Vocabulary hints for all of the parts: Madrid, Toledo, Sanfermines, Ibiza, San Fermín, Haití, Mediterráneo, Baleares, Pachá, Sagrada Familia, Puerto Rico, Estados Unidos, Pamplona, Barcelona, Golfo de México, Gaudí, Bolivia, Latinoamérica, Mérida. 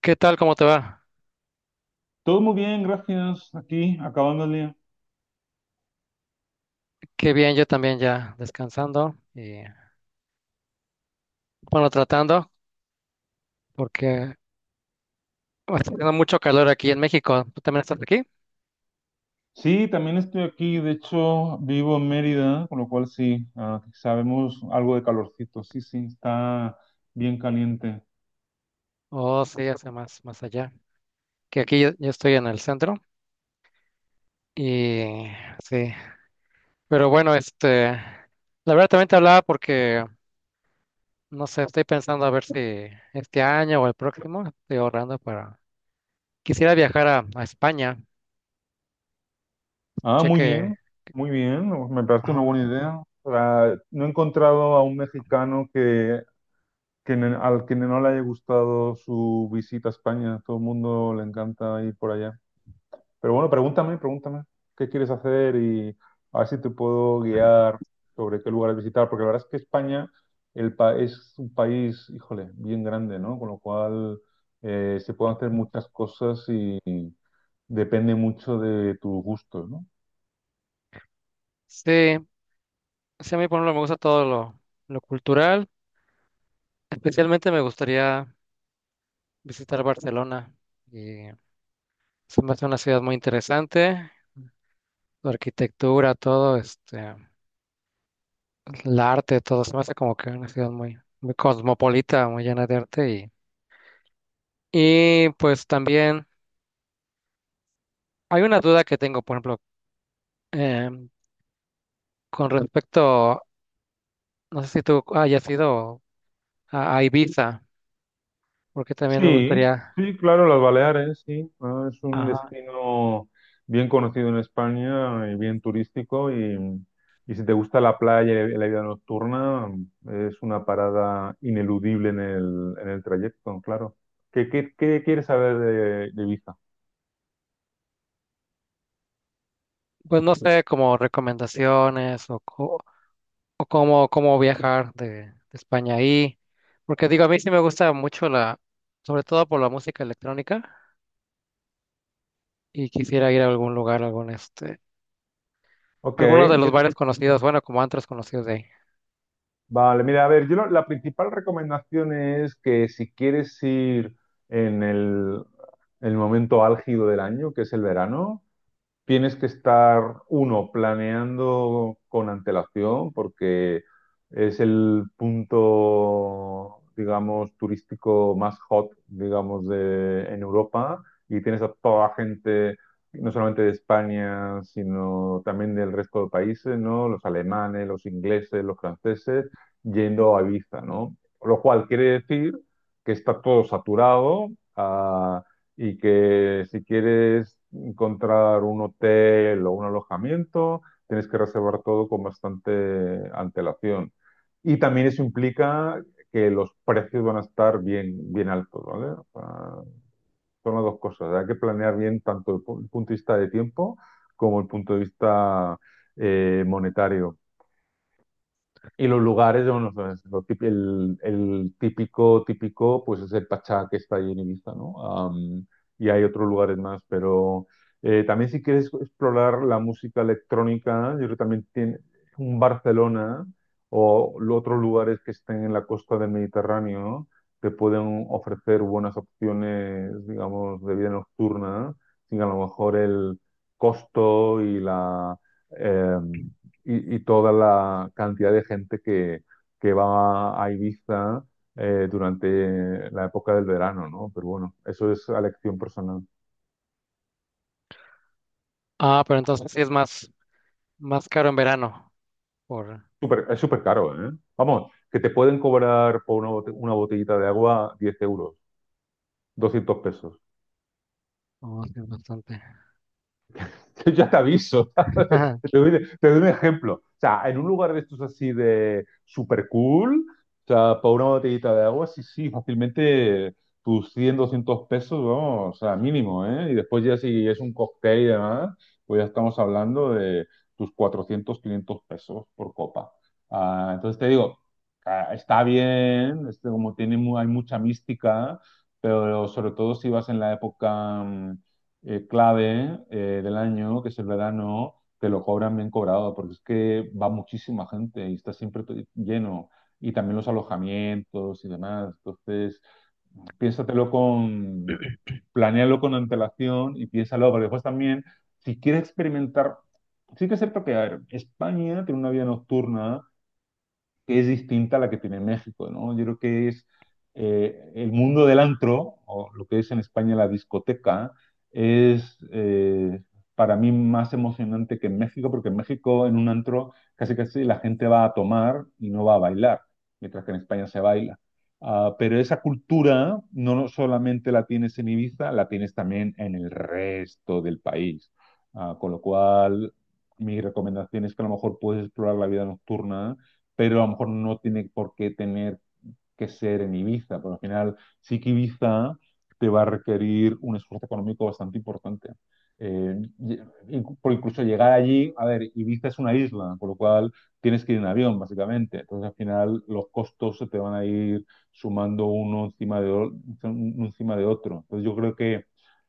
¿Qué tal? ¿Cómo te va? Todo muy bien, gracias. Aquí, acabando el día. Qué bien, yo también ya descansando y bueno, tratando porque está haciendo mucho calor aquí en México. ¿Tú también estás aquí? Sí, también estoy aquí. De hecho, vivo en Mérida, con lo cual sí, sabemos algo de calorcito. Sí, sí, está bien caliente. Oh, sí, hace más allá. Que aquí yo estoy en el centro y sí. Pero bueno, este, la verdad también te hablaba porque, no sé, estoy pensando a ver si este año o el próximo estoy ahorrando para... Quisiera viajar a España. Ah, Escuché muy que... bien, muy bien. Me parece una Ajá. buena idea. No he encontrado a un mexicano al que no le haya gustado su visita a España. Todo el mundo le encanta ir por allá. Pero bueno, pregúntame, pregúntame qué quieres hacer y a ver si te puedo guiar sobre qué lugares visitar, porque la verdad es que España es un país, híjole, bien grande, ¿no? Con lo cual se pueden hacer muchas cosas y depende mucho de tus gustos, ¿no? Sí, sí, a mí por ejemplo me gusta todo lo cultural. Especialmente me gustaría visitar Barcelona. Y se me hace una ciudad muy interesante. Su arquitectura, todo, este, el arte, todo. Se me hace como que una ciudad muy, muy cosmopolita, muy llena de arte. Y pues también hay una duda que tengo, por ejemplo, em, con respecto, no sé si tú hayas ido a Ibiza, porque también me Sí, gustaría, sí, claro, las Baleares, sí. Ah, es un ajá, destino bien conocido en España y bien turístico y si te gusta la playa y la vida nocturna, es una parada ineludible en el trayecto, claro. ¿Qué quieres saber de Ibiza? pues no sé, como recomendaciones o, co- o cómo, cómo viajar de España ahí. Porque digo, a mí sí me gusta mucho la, sobre todo por la música electrónica, y quisiera ir a algún lugar, algún este, Ok, alguno de los yo te- bares conocidos, bueno, como antros conocidos de ahí. vale, mira, a ver, la principal recomendación es que si quieres ir en el, el momento álgido del año, que es el verano, tienes que estar, uno, planeando con antelación, porque es el punto, digamos, turístico más hot, digamos, de, en Europa, y tienes a toda la gente, no solamente de España, sino también del resto de países, ¿no? Los alemanes, los ingleses, los franceses, yendo a Ibiza, ¿no? Lo cual quiere decir que está todo saturado, ah, y que si quieres encontrar un hotel o un alojamiento, tienes que reservar todo con bastante antelación. Y también eso implica que los precios van a estar bien, bien altos, ¿vale? O sea, son las dos cosas. Hay que planear bien tanto punto de vista de tiempo como el punto de vista monetario. Y los lugares, bueno, pues, el típico, típico, pues es el Pachá que está ahí en Ibiza, ¿no? Am, y hay otros lugares más, pero también si quieres explorar la música electrónica, yo creo que también tiene un Barcelona o otros lugares que estén en la costa del Mediterráneo, ¿no? Te pueden ofrecer buenas opciones, digamos, de vida nocturna, sin a lo mejor el costo y la... em, y toda la cantidad de gente que va a Ibiza durante la época del verano, ¿no? Pero bueno, eso es a elección personal. Ah, pero entonces sí es más, más caro en verano, por, Es súper caro, ¿eh? Vamos, que te pueden cobrar por una botellita de agua 10 euros, 200 pesos. oh, sí, bastante. Yo ya te aviso. ¿Sabes? Ajá. Te doy un ejemplo. O sea, en un lugar de estos así de super cool, o sea, por una botellita de agua, sí, sí, fácilmente tus 100 200 pesos, vamos, o sea, mínimo, ¿eh? Y después ya si es un cóctel y demás, pues ya estamos hablando de tus 400 500 pesos por copa. Ah, entonces te digo, está bien, este, como tiene, hay mucha mística, pero sobre todo si vas en la época clave del año, que es el verano, te lo cobran bien cobrado, porque es que va muchísima gente y está siempre lleno. Y también los alojamientos y demás. Entonces, piénsatelo con, planéalo con antelación y piénsalo, porque después también, si quieres experimentar, sí que es cierto que, a ver, España tiene una vida nocturna que es distinta a la que tiene México, ¿no? Yo creo que es el mundo del antro, o lo que es en España la discoteca, es para mí más emocionante que en México, porque en México en un antro casi casi la gente va a tomar y no va a bailar, mientras que en España se baila. Ah, pero esa cultura no solamente la tienes en Ibiza, la tienes también en el resto del país. Ah, con lo cual, mi recomendación es que a lo mejor puedes explorar la vida nocturna, pero a lo mejor no tiene por qué tener que ser en Ibiza, pero al final sí que Ibiza te va a requerir un esfuerzo económico bastante importante. Eh, por incluso llegar allí, a ver, Ibiza es una isla, por lo cual tienes que ir en avión, básicamente. Entonces, al final, los costos se te van a ir sumando uno encima de otro. Entonces, yo creo que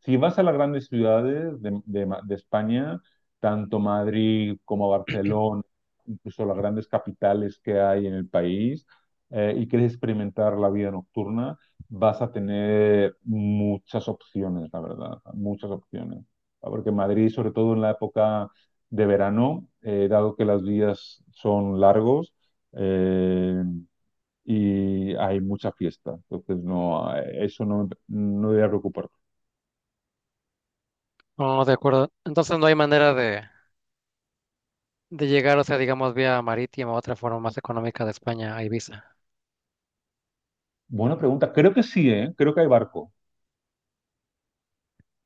si vas a las grandes ciudades de España, tanto Madrid como Barcelona, incluso las grandes capitales que hay en el país, y quieres experimentar la vida nocturna, vas a tener muchas opciones, la verdad, muchas opciones. Ah, porque Madrid, sobre todo en la época de verano, dado que las vías son largos eh, y hay mucha fiesta, entonces no, eso no, no debería preocuparte. No, de acuerdo. Entonces no hay manera de llegar, o sea, digamos, vía marítima, otra forma más económica de España a Ibiza. Buena pregunta, creo que sí, ¿eh? Creo que hay barco.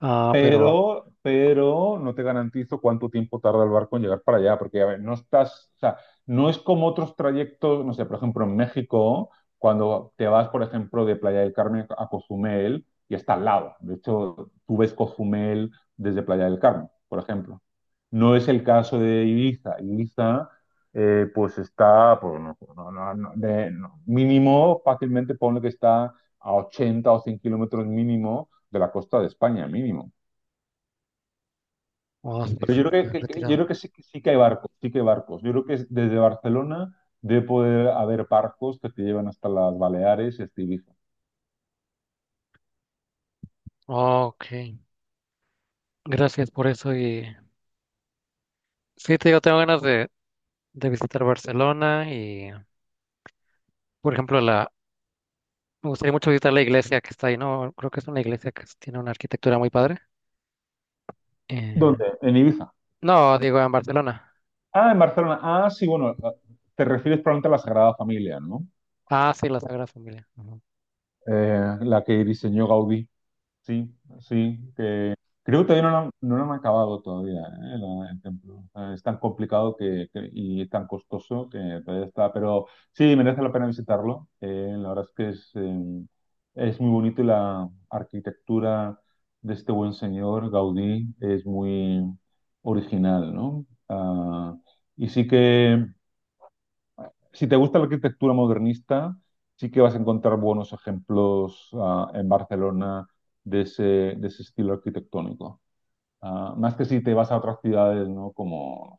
Ah, pero, Pero no te garantizo cuánto tiempo tarda el barco en llegar para allá, porque a ver, no estás, o sea, no es como otros trayectos, no sé, por ejemplo, en México, cuando te vas, por ejemplo, de Playa del Carmen a Cozumel y está al lado. De hecho, tú ves Cozumel desde Playa del Carmen, por ejemplo. No es el caso de Ibiza. Ibiza, pues está, pues, no, no, no, no, no, mínimo, fácilmente ponle que está a 80 o 100 kilómetros mínimo de la costa de España, mínimo. oh, sí, Pero sí, yo creo está que yo retirado. creo que sí, que sí que hay barcos, sí que hay barcos. Yo creo que desde Barcelona debe poder haber barcos que te llevan hasta las Baleares y hasta Ibiza. Ok, gracias por eso y sí, te digo, tengo ganas de visitar Barcelona y, por ejemplo, la, me gustaría mucho visitar la iglesia que está ahí, ¿no? Creo que es una iglesia que s- tiene una arquitectura muy padre. Eh, ¿Dónde? En Ibiza. no, digo, en Barcelona. Ah, en Barcelona. Ah, sí, bueno, te refieres probablemente a la Sagrada Familia, ¿no? Ah, sí, la Sagrada Familia. Ujú. La que diseñó Gaudí. Sí, sí, que creo que todavía no lo han acabado todavía, ¿eh? El templo. O sea, es tan complicado y tan costoso que todavía está, pero sí, merece la pena visitarlo. La verdad es que es muy bonito y la arquitectura de este buen señor, Gaudí, es muy original, ¿no? Ah, y sí que si te gusta la arquitectura modernista, sí que vas a encontrar buenos ejemplos en Barcelona de ese estilo arquitectónico. Ah, más que si te vas a otras ciudades, ¿no? Como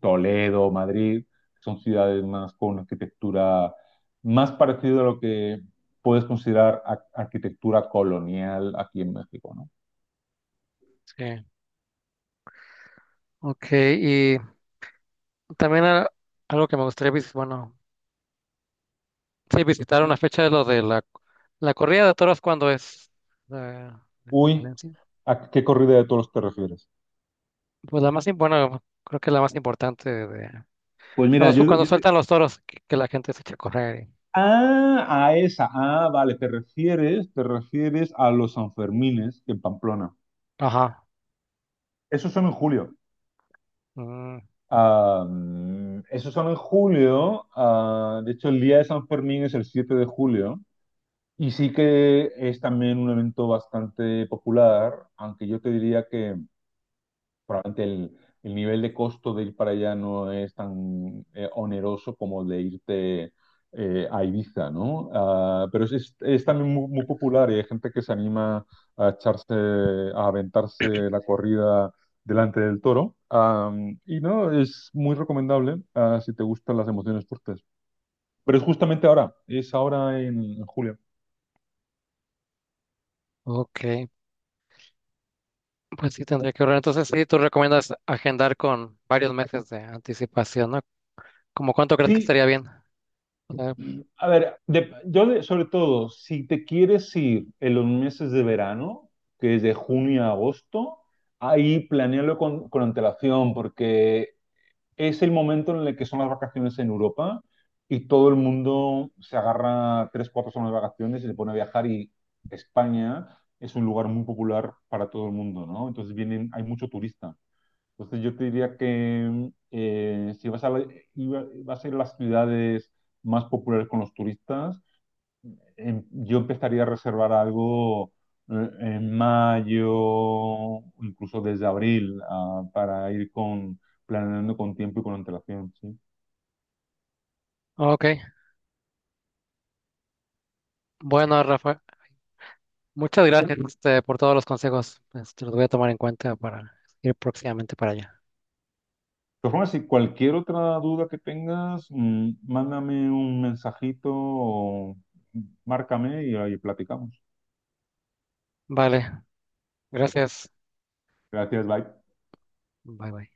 Toledo, Madrid, que son ciudades más con una arquitectura más parecida a lo que puedes considerar arquitectura colonial aquí en México, ¿no? Sí, ok. Y también a- algo que me gustaría visitar, bueno, sí, visitar Sí. una fecha de lo de la, la corrida de toros, cuando es? La Uy, competencia. ¿a qué corrida de toros te refieres? Pues la más, im- bueno, creo que la más importante de... Pues mira, Cuando, su- yo, cuando yo, sueltan los toros, que la gente se echa a correr. Y ah, a esa. Ah, vale, te refieres a los Sanfermines en Pamplona. ajá. Esos son en julio. Mm, Ah, esos son en julio. Ah, de hecho, el día de San Fermín es el 7 de julio. Y sí que es también un evento bastante popular, aunque yo te diría que probablemente el nivel de costo de ir para allá no es tan oneroso como el de irte a Ibiza, ¿no? Ah, es también muy, muy popular y hay gente que se anima a echarse, a aventarse la corrida delante del toro. Y no, es muy recomendable si te gustan las emociones fuertes. Pero es justamente ahora, es ahora en, julio. ok, pues sí tendría que ahorrar. Entonces sí, tú recomiendas agendar con varios meses de anticipación, ¿no? ¿Cómo cuánto crees que Sí, estaría bien? O sea, a ver, sobre todo, si te quieres ir en los meses de verano, que es de junio a agosto, ahí con antelación, porque es el momento en el que son las vacaciones en Europa y todo el mundo se agarra tres, cuatro semanas de vacaciones y se pone a viajar y España es un lugar muy popular para todo el mundo, ¿no? Entonces vienen, hay mucho turista. Entonces yo te diría que si vas a ir a las ciudades más populares con los turistas, yo empezaría a reservar algo en mayo, incluso desde abril, para ir con, planeando con tiempo y con antelación, ¿sí? De ok, bueno, Rafa, muchas gracias este, por todos los consejos. Este, los voy a tomar en cuenta para ir próximamente para allá. todas formas, si cualquier otra duda que tengas, mándame un mensajito o mm, márcame y ahí platicamos. Vale, gracias. Gracias, bye. Bye bye.